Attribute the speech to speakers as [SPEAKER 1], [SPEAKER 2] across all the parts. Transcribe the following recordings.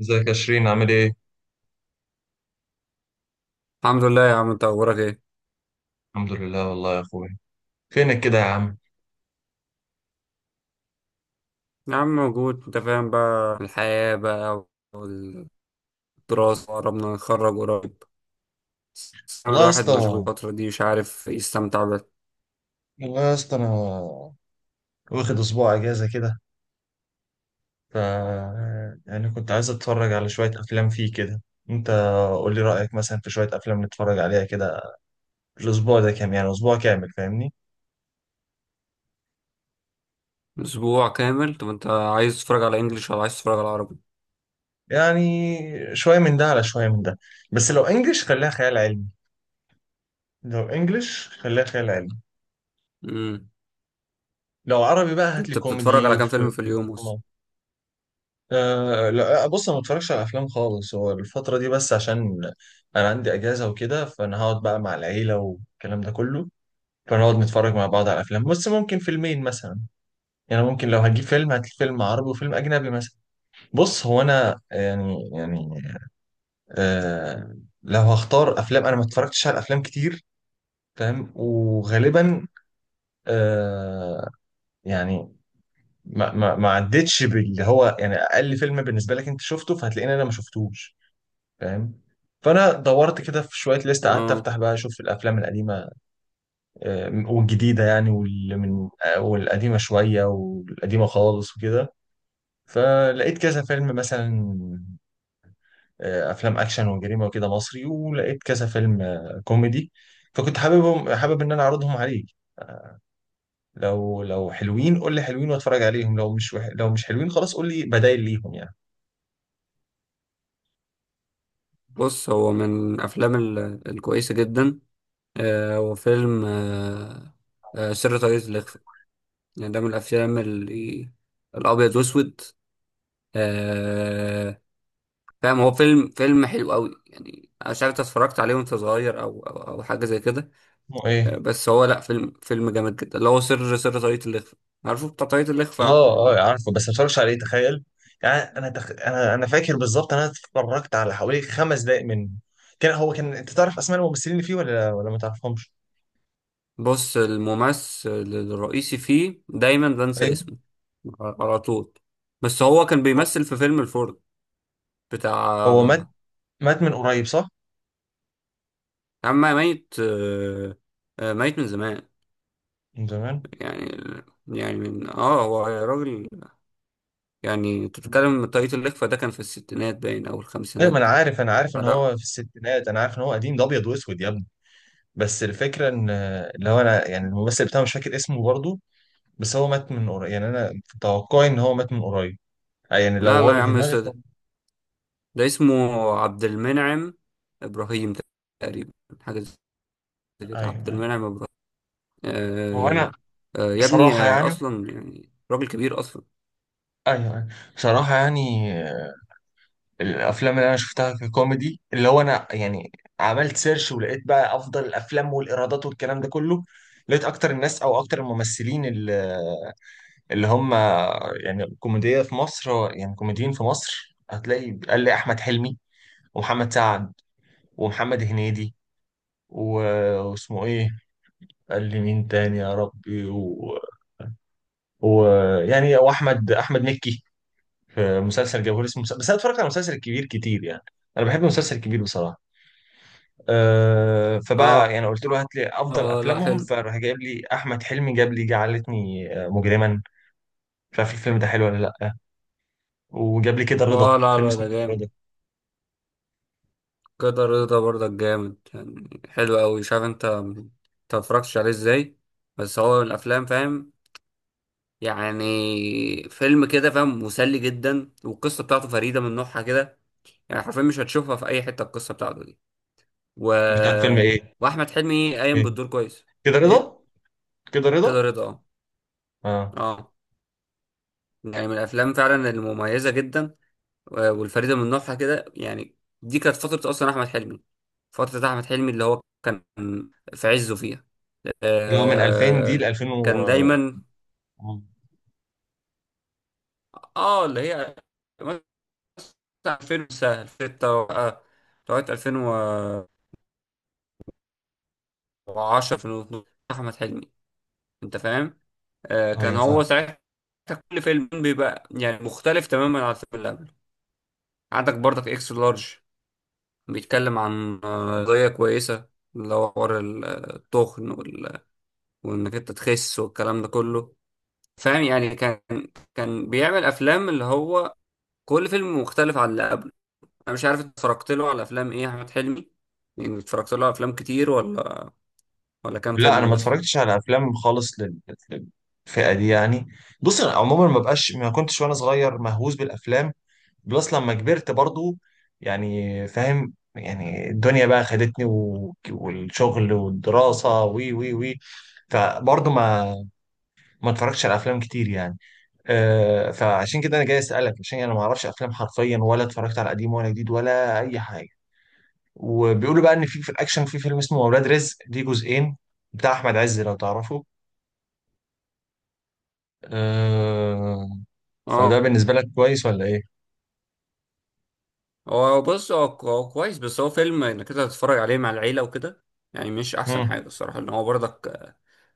[SPEAKER 1] ازيك يا شيرين عامل ايه؟
[SPEAKER 2] الحمد لله يا عم، انت اخبارك ايه؟
[SPEAKER 1] الحمد لله والله يا اخويا. فينك كده يا عم؟
[SPEAKER 2] يا عم موجود، انت فاهم بقى الحياة بقى والدراسة. قربنا نتخرج قريب، بس عم
[SPEAKER 1] والله يا
[SPEAKER 2] الواحد
[SPEAKER 1] اسطى.
[SPEAKER 2] مشغول الفترة دي، مش عارف يستمتع بقى.
[SPEAKER 1] والله يا اسطى انا واخد اسبوع اجازة كده. ف يعني كنت عايز اتفرج على شوية افلام فيه كده. انت قول لي رأيك مثلا في شوية افلام نتفرج عليها كده الاسبوع ده، كام يعني، اسبوع كامل فاهمني؟
[SPEAKER 2] اسبوع كامل؟ طب انت عايز تتفرج على انجليش ولا عايز تتفرج على عربي؟
[SPEAKER 1] يعني شوية من ده على شوية من ده، بس لو انجلش خليها خيال علمي. لو انجلش خليها خيال علمي.
[SPEAKER 2] امم
[SPEAKER 1] لو عربي بقى هات لي
[SPEAKER 2] انت بتتفرج
[SPEAKER 1] كوميدي
[SPEAKER 2] على كام
[SPEAKER 1] وفي.
[SPEAKER 2] فيلم في اليوم اصلا؟
[SPEAKER 1] أه لا آه، بص، انا ما بتفرجش على افلام خالص، هو الفتره دي بس عشان انا عندي اجازه وكده، فانا هقعد بقى مع العيله والكلام ده كله، فنقعد نتفرج مع بعض على افلام، بس ممكن فيلمين مثلا. يعني ممكن لو هجيب فيلم هات فيلم عربي وفيلم اجنبي مثلا. بص هو انا يعني، أه لو هختار افلام انا ما اتفرجتش على افلام كتير، فاهم، وغالبا أه يعني ما عدتش باللي هو يعني اقل فيلم بالنسبه لك انت شفته فهتلاقيني انا ما شفتوش، فاهم. فانا دورت كده في شويه ليست، قعدت
[SPEAKER 2] اه،
[SPEAKER 1] افتح بقى اشوف الافلام القديمه والجديده، يعني واللي من آه، والقديمه شويه والقديمه خالص وكده. فلقيت كذا فيلم مثلا افلام اكشن وجريمه وكده مصري، ولقيت كذا فيلم كوميدي. فكنت حابب ان انا اعرضهم عليك. لو لو حلوين قول لي حلوين واتفرج عليهم، لو مش وح... لو مش حلوين خلاص قول لي بدايل ليهم يعني.
[SPEAKER 2] بص، هو من الافلام الكويسة جدا. هو فيلم، سر طريقة الإخفاء. يعني ده من الافلام اللي الابيض واسود. آه، فاهم، هو فيلم حلو قوي، يعني انا مش عارف انت اتفرجت عليه وانت صغير أو حاجه زي كده.
[SPEAKER 1] اسمه ايه؟
[SPEAKER 2] بس هو، لا، فيلم جامد جدا، اللي هو سر طاقية الإخفاء. عارفه بتاع طاقية
[SPEAKER 1] اه
[SPEAKER 2] الإخفاء؟
[SPEAKER 1] اه عارفه، بس ما اتفرجش عليه تخيل. يعني انا فاكر بالظبط انا اتفرجت على حوالي خمس دقائق منه. كان هو كان، انت تعرف اسماء الممثلين اللي فيه ولا ما تعرفهمش؟
[SPEAKER 2] بص، الممثل الرئيسي فيه دايما بنسى
[SPEAKER 1] ايوه.
[SPEAKER 2] اسمه على طول، بس هو كان بيمثل في فيلم الفرد
[SPEAKER 1] هو مات،
[SPEAKER 2] بتاع.
[SPEAKER 1] مات من قريب صح؟
[SPEAKER 2] يا عم ميت، ميت من زمان.
[SPEAKER 1] من زمان؟
[SPEAKER 2] يعني، يعني من اه، هو راجل، يعني انت بتتكلم طاقية الإخفاء ده كان في الستينات باين او
[SPEAKER 1] ايوه ما انا
[SPEAKER 2] الخمسينات.
[SPEAKER 1] عارف، انا عارف ان
[SPEAKER 2] لا
[SPEAKER 1] هو في الستينات، انا عارف ان هو قديم، ده ابيض واسود يا ابني. بس الفكره ان اللي هو انا، يعني الممثل بتاعه مش فاكر اسمه برضه. بس هو مات من قريب، يعني انا في توقعي ان هو مات من قريب. يعني لو
[SPEAKER 2] لا
[SPEAKER 1] هو
[SPEAKER 2] لا
[SPEAKER 1] اللي
[SPEAKER 2] يا
[SPEAKER 1] في
[SPEAKER 2] عم
[SPEAKER 1] دماغي ف...
[SPEAKER 2] استاذ، ده اسمه عبد المنعم ابراهيم تقريبا، حاجه زي كده، عبد
[SPEAKER 1] ايوه.
[SPEAKER 2] المنعم ابراهيم.
[SPEAKER 1] هو
[SPEAKER 2] آه،
[SPEAKER 1] انا
[SPEAKER 2] آه يا ابني،
[SPEAKER 1] بصراحه
[SPEAKER 2] آه،
[SPEAKER 1] يعني،
[SPEAKER 2] اصلا يعني راجل كبير اصلا.
[SPEAKER 1] ايوه أيوة. بصراحه يعني الافلام اللي انا شفتها ككوميدي، اللي هو انا يعني عملت سيرش ولقيت بقى افضل الافلام والايرادات والكلام ده كله. لقيت اكتر الناس، او اكتر الممثلين اللي اللي هم يعني كوميديا في مصر، يعني كوميديين في مصر، هتلاقي قال لي احمد حلمي ومحمد سعد ومحمد هنيدي و- واسمه ايه، قال لي مين تاني يا ربي ويعني يعني واحمد مكي. في مسلسل جوهري اسمه مسلسل، بس انا اتفرجت على مسلسل الكبير كتير يعني، انا بحب المسلسل الكبير بصراحه. فبقى
[SPEAKER 2] اه
[SPEAKER 1] يعني قلت له هات لي افضل
[SPEAKER 2] اه، لا،
[SPEAKER 1] افلامهم،
[SPEAKER 2] حلو.
[SPEAKER 1] فراح جايب لي احمد حلمي، جاب لي جعلتني مجرما. مش عارف الفيلم ده حلو ولا لا. وجاب لي كده رضا،
[SPEAKER 2] اه، لا
[SPEAKER 1] فيلم
[SPEAKER 2] لا،
[SPEAKER 1] اسمه
[SPEAKER 2] ده
[SPEAKER 1] كده
[SPEAKER 2] جامد.
[SPEAKER 1] رضا.
[SPEAKER 2] كده رضا برضك جامد، يعني حلو قوي. شايف؟ انت انت متفرجتش عليه ازاي؟ بس هو من الافلام، فاهم، يعني فيلم كده، فاهم، مسلي جدا والقصه بتاعته فريده من نوعها كده. يعني حرفيا مش هتشوفها في اي حته، القصه بتاعته دي. و...
[SPEAKER 1] مش عارف فيلم ايه؟
[SPEAKER 2] واحمد حلمي
[SPEAKER 1] فيلم
[SPEAKER 2] قايم
[SPEAKER 1] ايه؟
[SPEAKER 2] بالدور كويس.
[SPEAKER 1] كده
[SPEAKER 2] ايه؟
[SPEAKER 1] رضا. كده
[SPEAKER 2] كده
[SPEAKER 1] رضا.
[SPEAKER 2] رضا.
[SPEAKER 1] اه.
[SPEAKER 2] اه اه، يعني من الافلام فعلا المميزه جدا والفريده من نوعها كده يعني. دي كانت فتره اصلا احمد حلمي، فتره احمد حلمي اللي هو كان في عزه فيها.
[SPEAKER 1] اللي هو من 2000 دي ل
[SPEAKER 2] آه،
[SPEAKER 1] 2000 و...
[SPEAKER 2] كان
[SPEAKER 1] آه،
[SPEAKER 2] دايما، اه اللي هي مثلا 2006 لغايه 2010، 2012، احمد حلمي، انت فاهم؟ كان
[SPEAKER 1] ايوه
[SPEAKER 2] هو
[SPEAKER 1] فاهم.
[SPEAKER 2] ساعتها كل فيلم بيبقى يعني مختلف تماما عن الفيلم اللي قبله. عندك برضك اكس لارج، بيتكلم عن قضية كويسة اللي هو حوار التخن وانك انت تخس والكلام ده كله. فاهم يعني؟ كان، كان بيعمل افلام اللي هو كل فيلم مختلف عن اللي قبله. انا مش عارف انت اتفرجت له على افلام ايه يا احمد حلمي، يعني اتفرجت له على افلام كتير ولا، ولا كام
[SPEAKER 1] لا انا
[SPEAKER 2] فيلم
[SPEAKER 1] ما
[SPEAKER 2] بس؟
[SPEAKER 1] اتفرجتش على افلام خالص للفئه دي يعني. بص انا عموما ما بقاش، ما كنتش وانا صغير مهووس بالافلام، بلس لما كبرت برضو يعني، فاهم؟ يعني الدنيا بقى خدتني والشغل والدراسة وي وي وي فبرضه ما اتفرجتش على افلام كتير يعني. فعشان كده انا جاي اسالك عشان انا ما اعرفش افلام حرفيا، ولا اتفرجت على قديم ولا جديد ولا اي حاجه. وبيقولوا بقى ان في الاكشن في فيلم اسمه اولاد رزق، ليه جزئين، بتاع احمد عز لو تعرفه. أه
[SPEAKER 2] اه،
[SPEAKER 1] فده بالنسبه لك كويس ولا ايه؟
[SPEAKER 2] هو بص، هو كويس، بس هو فيلم انك انت تتفرج عليه مع العيلة وكده. يعني مش احسن
[SPEAKER 1] مم.
[SPEAKER 2] حاجة الصراحة، ان هو برضك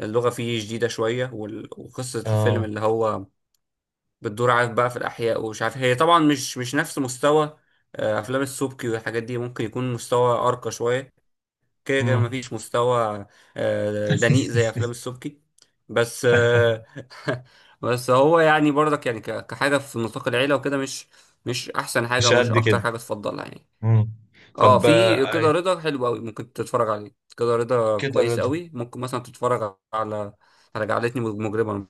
[SPEAKER 2] اللغة فيه جديدة شوية وقصة الفيلم
[SPEAKER 1] اه.
[SPEAKER 2] اللي هو بتدور، عارف بقى، في الاحياء، ومش عارف هي طبعا، مش نفس مستوى افلام السبكي والحاجات دي. ممكن يكون مستوى ارقى شوية، كده كده
[SPEAKER 1] مم.
[SPEAKER 2] مفيش مستوى دنيء زي افلام السبكي، بس بس هو يعني برضك يعني كحاجة في نطاق العيلة وكده، مش مش احسن حاجة
[SPEAKER 1] مش
[SPEAKER 2] ومش
[SPEAKER 1] قد
[SPEAKER 2] اكتر
[SPEAKER 1] كده.
[SPEAKER 2] حاجة تفضلها يعني.
[SPEAKER 1] مم.
[SPEAKER 2] اه،
[SPEAKER 1] طب
[SPEAKER 2] في كده رضا حلو قوي ممكن تتفرج عليه. كده رضا
[SPEAKER 1] كده
[SPEAKER 2] كويس
[SPEAKER 1] رضا.
[SPEAKER 2] قوي. ممكن مثلا تتفرج على، على جعلتني مجرما،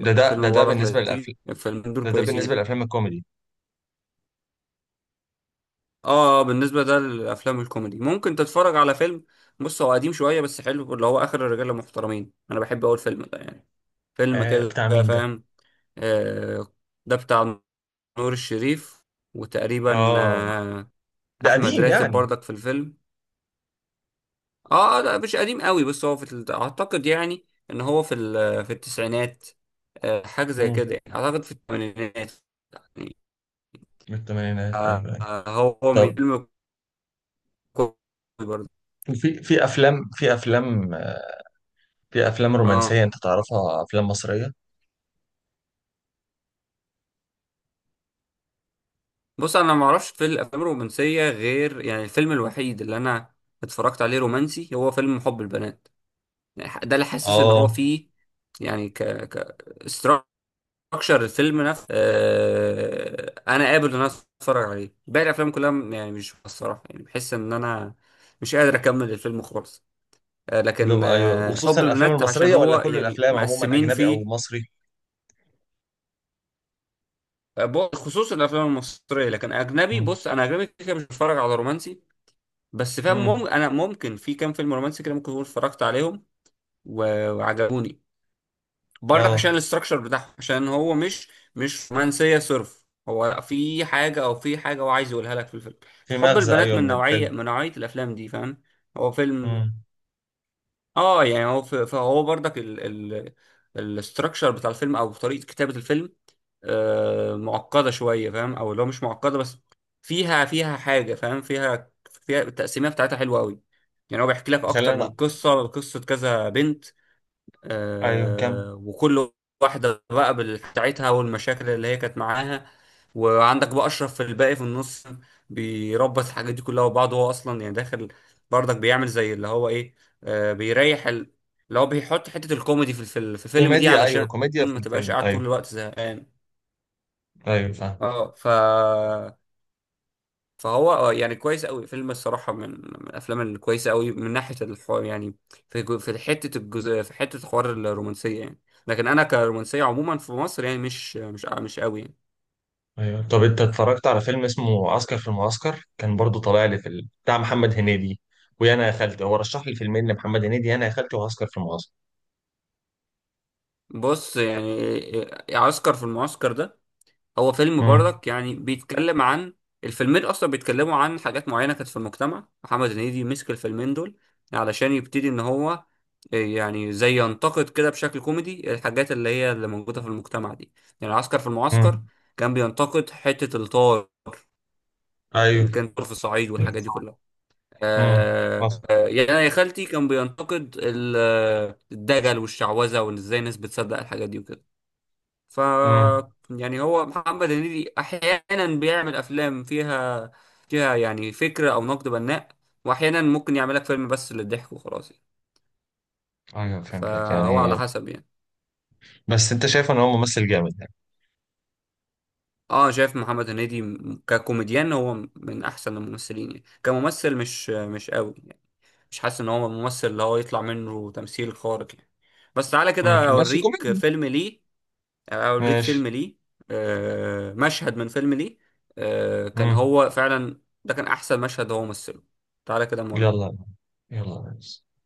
[SPEAKER 1] ده ده ده
[SPEAKER 2] فيلم
[SPEAKER 1] ده
[SPEAKER 2] مبارك
[SPEAKER 1] بالنسبة
[SPEAKER 2] لطيف.
[SPEAKER 1] للأفلام.
[SPEAKER 2] الفيلمين دول
[SPEAKER 1] ده
[SPEAKER 2] كويسين.
[SPEAKER 1] بالنسبة للأفلام الكوميدي.
[SPEAKER 2] اه بالنسبه ده للافلام الكوميدي. ممكن تتفرج على فيلم، بص هو قديم شويه بس حلو، اللي هو اخر الرجاله المحترمين. انا بحب اول فيلم ده يعني، فيلم
[SPEAKER 1] آه
[SPEAKER 2] كده،
[SPEAKER 1] بتاع مين ده؟
[SPEAKER 2] فاهم. آه، ده بتاع نور الشريف، وتقريبا
[SPEAKER 1] اه
[SPEAKER 2] آه،
[SPEAKER 1] ده
[SPEAKER 2] احمد
[SPEAKER 1] قديم
[SPEAKER 2] راتب
[SPEAKER 1] يعني؟
[SPEAKER 2] برضك في الفيلم. اه، لا مش قديم قوي، بس هو في اعتقد يعني ان هو في في التسعينات، حاجه زي
[SPEAKER 1] امم.
[SPEAKER 2] كده يعني. اعتقد في الثمانينات يعني.
[SPEAKER 1] من الثمانينات،
[SPEAKER 2] آه،
[SPEAKER 1] ايوه ايوه.
[SPEAKER 2] آه، هو من
[SPEAKER 1] طب
[SPEAKER 2] فيلم كوري برضه.
[SPEAKER 1] في في افلام في افلام
[SPEAKER 2] اه
[SPEAKER 1] رومانسيه انت تعرفها، افلام مصريه؟
[SPEAKER 2] بص، انا ما اعرفش في الافلام الرومانسيه غير يعني الفيلم الوحيد اللي انا اتفرجت عليه رومانسي، هو فيلم حب البنات. يعني ده اللي حاسس ان هو
[SPEAKER 1] اه.
[SPEAKER 2] فيه يعني ك ك اكشر الفيلم نفسه انا قابل ان انا اتفرج عليه، باقي الافلام كلها يعني مش، الصراحه يعني بحس ان انا مش قادر اكمل الفيلم خالص.
[SPEAKER 1] لب
[SPEAKER 2] لكن
[SPEAKER 1] ايوه، وخصوصا
[SPEAKER 2] حب
[SPEAKER 1] الافلام
[SPEAKER 2] البنات عشان
[SPEAKER 1] المصريه،
[SPEAKER 2] هو
[SPEAKER 1] ولا كل
[SPEAKER 2] يعني
[SPEAKER 1] الافلام عموما
[SPEAKER 2] مقسمين
[SPEAKER 1] اجنبي او
[SPEAKER 2] فيه.
[SPEAKER 1] مصري؟
[SPEAKER 2] خصوصا الافلام المصريه، لكن اجنبي،
[SPEAKER 1] امم.
[SPEAKER 2] بص انا اجنبي كده كده مش بتفرج على رومانسي، بس فاهم.
[SPEAKER 1] امم.
[SPEAKER 2] انا ممكن في كام فيلم رومانسي كده ممكن اكون اتفرجت عليهم وعجبوني، برضك عشان
[SPEAKER 1] اه
[SPEAKER 2] الاستراكشر بتاعهم، عشان هو مش، مش رومانسيه صرف، هو في حاجه، او في حاجه هو عايز يقولها لك في الفيلم.
[SPEAKER 1] في
[SPEAKER 2] فحب
[SPEAKER 1] مغزى،
[SPEAKER 2] البنات
[SPEAKER 1] ايوه
[SPEAKER 2] من
[SPEAKER 1] من
[SPEAKER 2] نوعيه،
[SPEAKER 1] الفيلم.
[SPEAKER 2] من نوعيه الافلام دي، فاهم؟ هو فيلم،
[SPEAKER 1] امم.
[SPEAKER 2] اه يعني هو فهو برضك ال الاستراكشر بتاع الفيلم او طريقه كتابه الفيلم آه معقده شويه، فاهم، او لو مش معقده بس فيها، فيها حاجه، فاهم، فيها، فيها التقسيميه بتاعتها حلوه قوي. يعني هو بيحكي لك اكتر
[SPEAKER 1] خلينا،
[SPEAKER 2] من قصه، قصه كذا بنت،
[SPEAKER 1] ايوه كم.
[SPEAKER 2] وكل واحدة بقى بتاعتها والمشاكل اللي هي كانت معاها، وعندك بقى أشرف في الباقي في النص، بيربط الحاجات دي كلها وبعض. هو أصلا يعني داخل برضك بيعمل زي اللي هو إيه، بيريح اللي هو بيحط حتة الكوميدي في الفيلم، في الفيلم دي،
[SPEAKER 1] كوميديا، ايوه
[SPEAKER 2] علشان
[SPEAKER 1] كوميديا في
[SPEAKER 2] ما تبقاش
[SPEAKER 1] الفيلم،
[SPEAKER 2] قاعد طول
[SPEAKER 1] ايوه.
[SPEAKER 2] الوقت زهقان.
[SPEAKER 1] ايوه فاهم.
[SPEAKER 2] اه، فهو يعني كويس قوي فيلم الصراحه، من من الافلام الكويسه قوي من ناحيه الحوار يعني، في في حته الجزء، في حته حوار الرومانسيه يعني. لكن انا كرومانسيه عموما في مصر يعني مش قوي يعني.
[SPEAKER 1] ايوه طب انت اتفرجت على فيلم اسمه عسكر في المعسكر؟ كان برضو طالع لي في ال... بتاع محمد هنيدي، ويا انا يا خالتي. هو رشح لي فيلمين لمحمد هنيدي، يا انا يا خالتي وعسكر في المعسكر.
[SPEAKER 2] بص يعني عسكر في المعسكر ده، هو فيلم
[SPEAKER 1] امم.
[SPEAKER 2] برضك يعني بيتكلم عن، الفيلمين اصلا بيتكلموا عن حاجات معينه كانت في المجتمع، محمد هنيدي مسك الفيلمين دول علشان يبتدي ان هو إيه، يعني زي ينتقد كده بشكل كوميدي الحاجات اللي هي اللي موجوده في المجتمع دي. يعني عسكر في المعسكر
[SPEAKER 1] امم.
[SPEAKER 2] كان بينتقد حته الطار
[SPEAKER 1] ايوه.
[SPEAKER 2] اللي كان في الصعيد والحاجات دي كلها.
[SPEAKER 1] امم.
[SPEAKER 2] آه،
[SPEAKER 1] حصل.
[SPEAKER 2] يعني أنا يا خالتي كان بينتقد الدجل والشعوذه، وان ازاي الناس بتصدق الحاجات دي وكده. ف
[SPEAKER 1] امم.
[SPEAKER 2] يعني هو محمد هنيدي احيانا بيعمل افلام فيها، فيها يعني فكره او نقد بناء، واحيانا ممكن يعمل لك فيلم بس للضحك وخلاص يعني.
[SPEAKER 1] ايوه فهمتك
[SPEAKER 2] فهو
[SPEAKER 1] يعني.
[SPEAKER 2] على حسب يعني.
[SPEAKER 1] بس انت شايف ان هو ممثل جامد يعني؟
[SPEAKER 2] اه، شايف محمد هنيدي ككوميديان هو من احسن الممثلين، يعني كممثل مش مش قوي يعني، مش حاسس ان هو ممثل اللي هو يطلع منه تمثيل خارق يعني. بس تعالى
[SPEAKER 1] امم.
[SPEAKER 2] كده
[SPEAKER 1] بس
[SPEAKER 2] اوريك
[SPEAKER 1] كوميدي.
[SPEAKER 2] فيلم ليه، اوريك
[SPEAKER 1] ماشي.
[SPEAKER 2] فيلم ليه، مشهد من فيلم ليه. كان
[SPEAKER 1] امم.
[SPEAKER 2] هو فعلا ده كان احسن مشهد هو مثله. تعالى كده مرة.
[SPEAKER 1] يلا. يلا بس.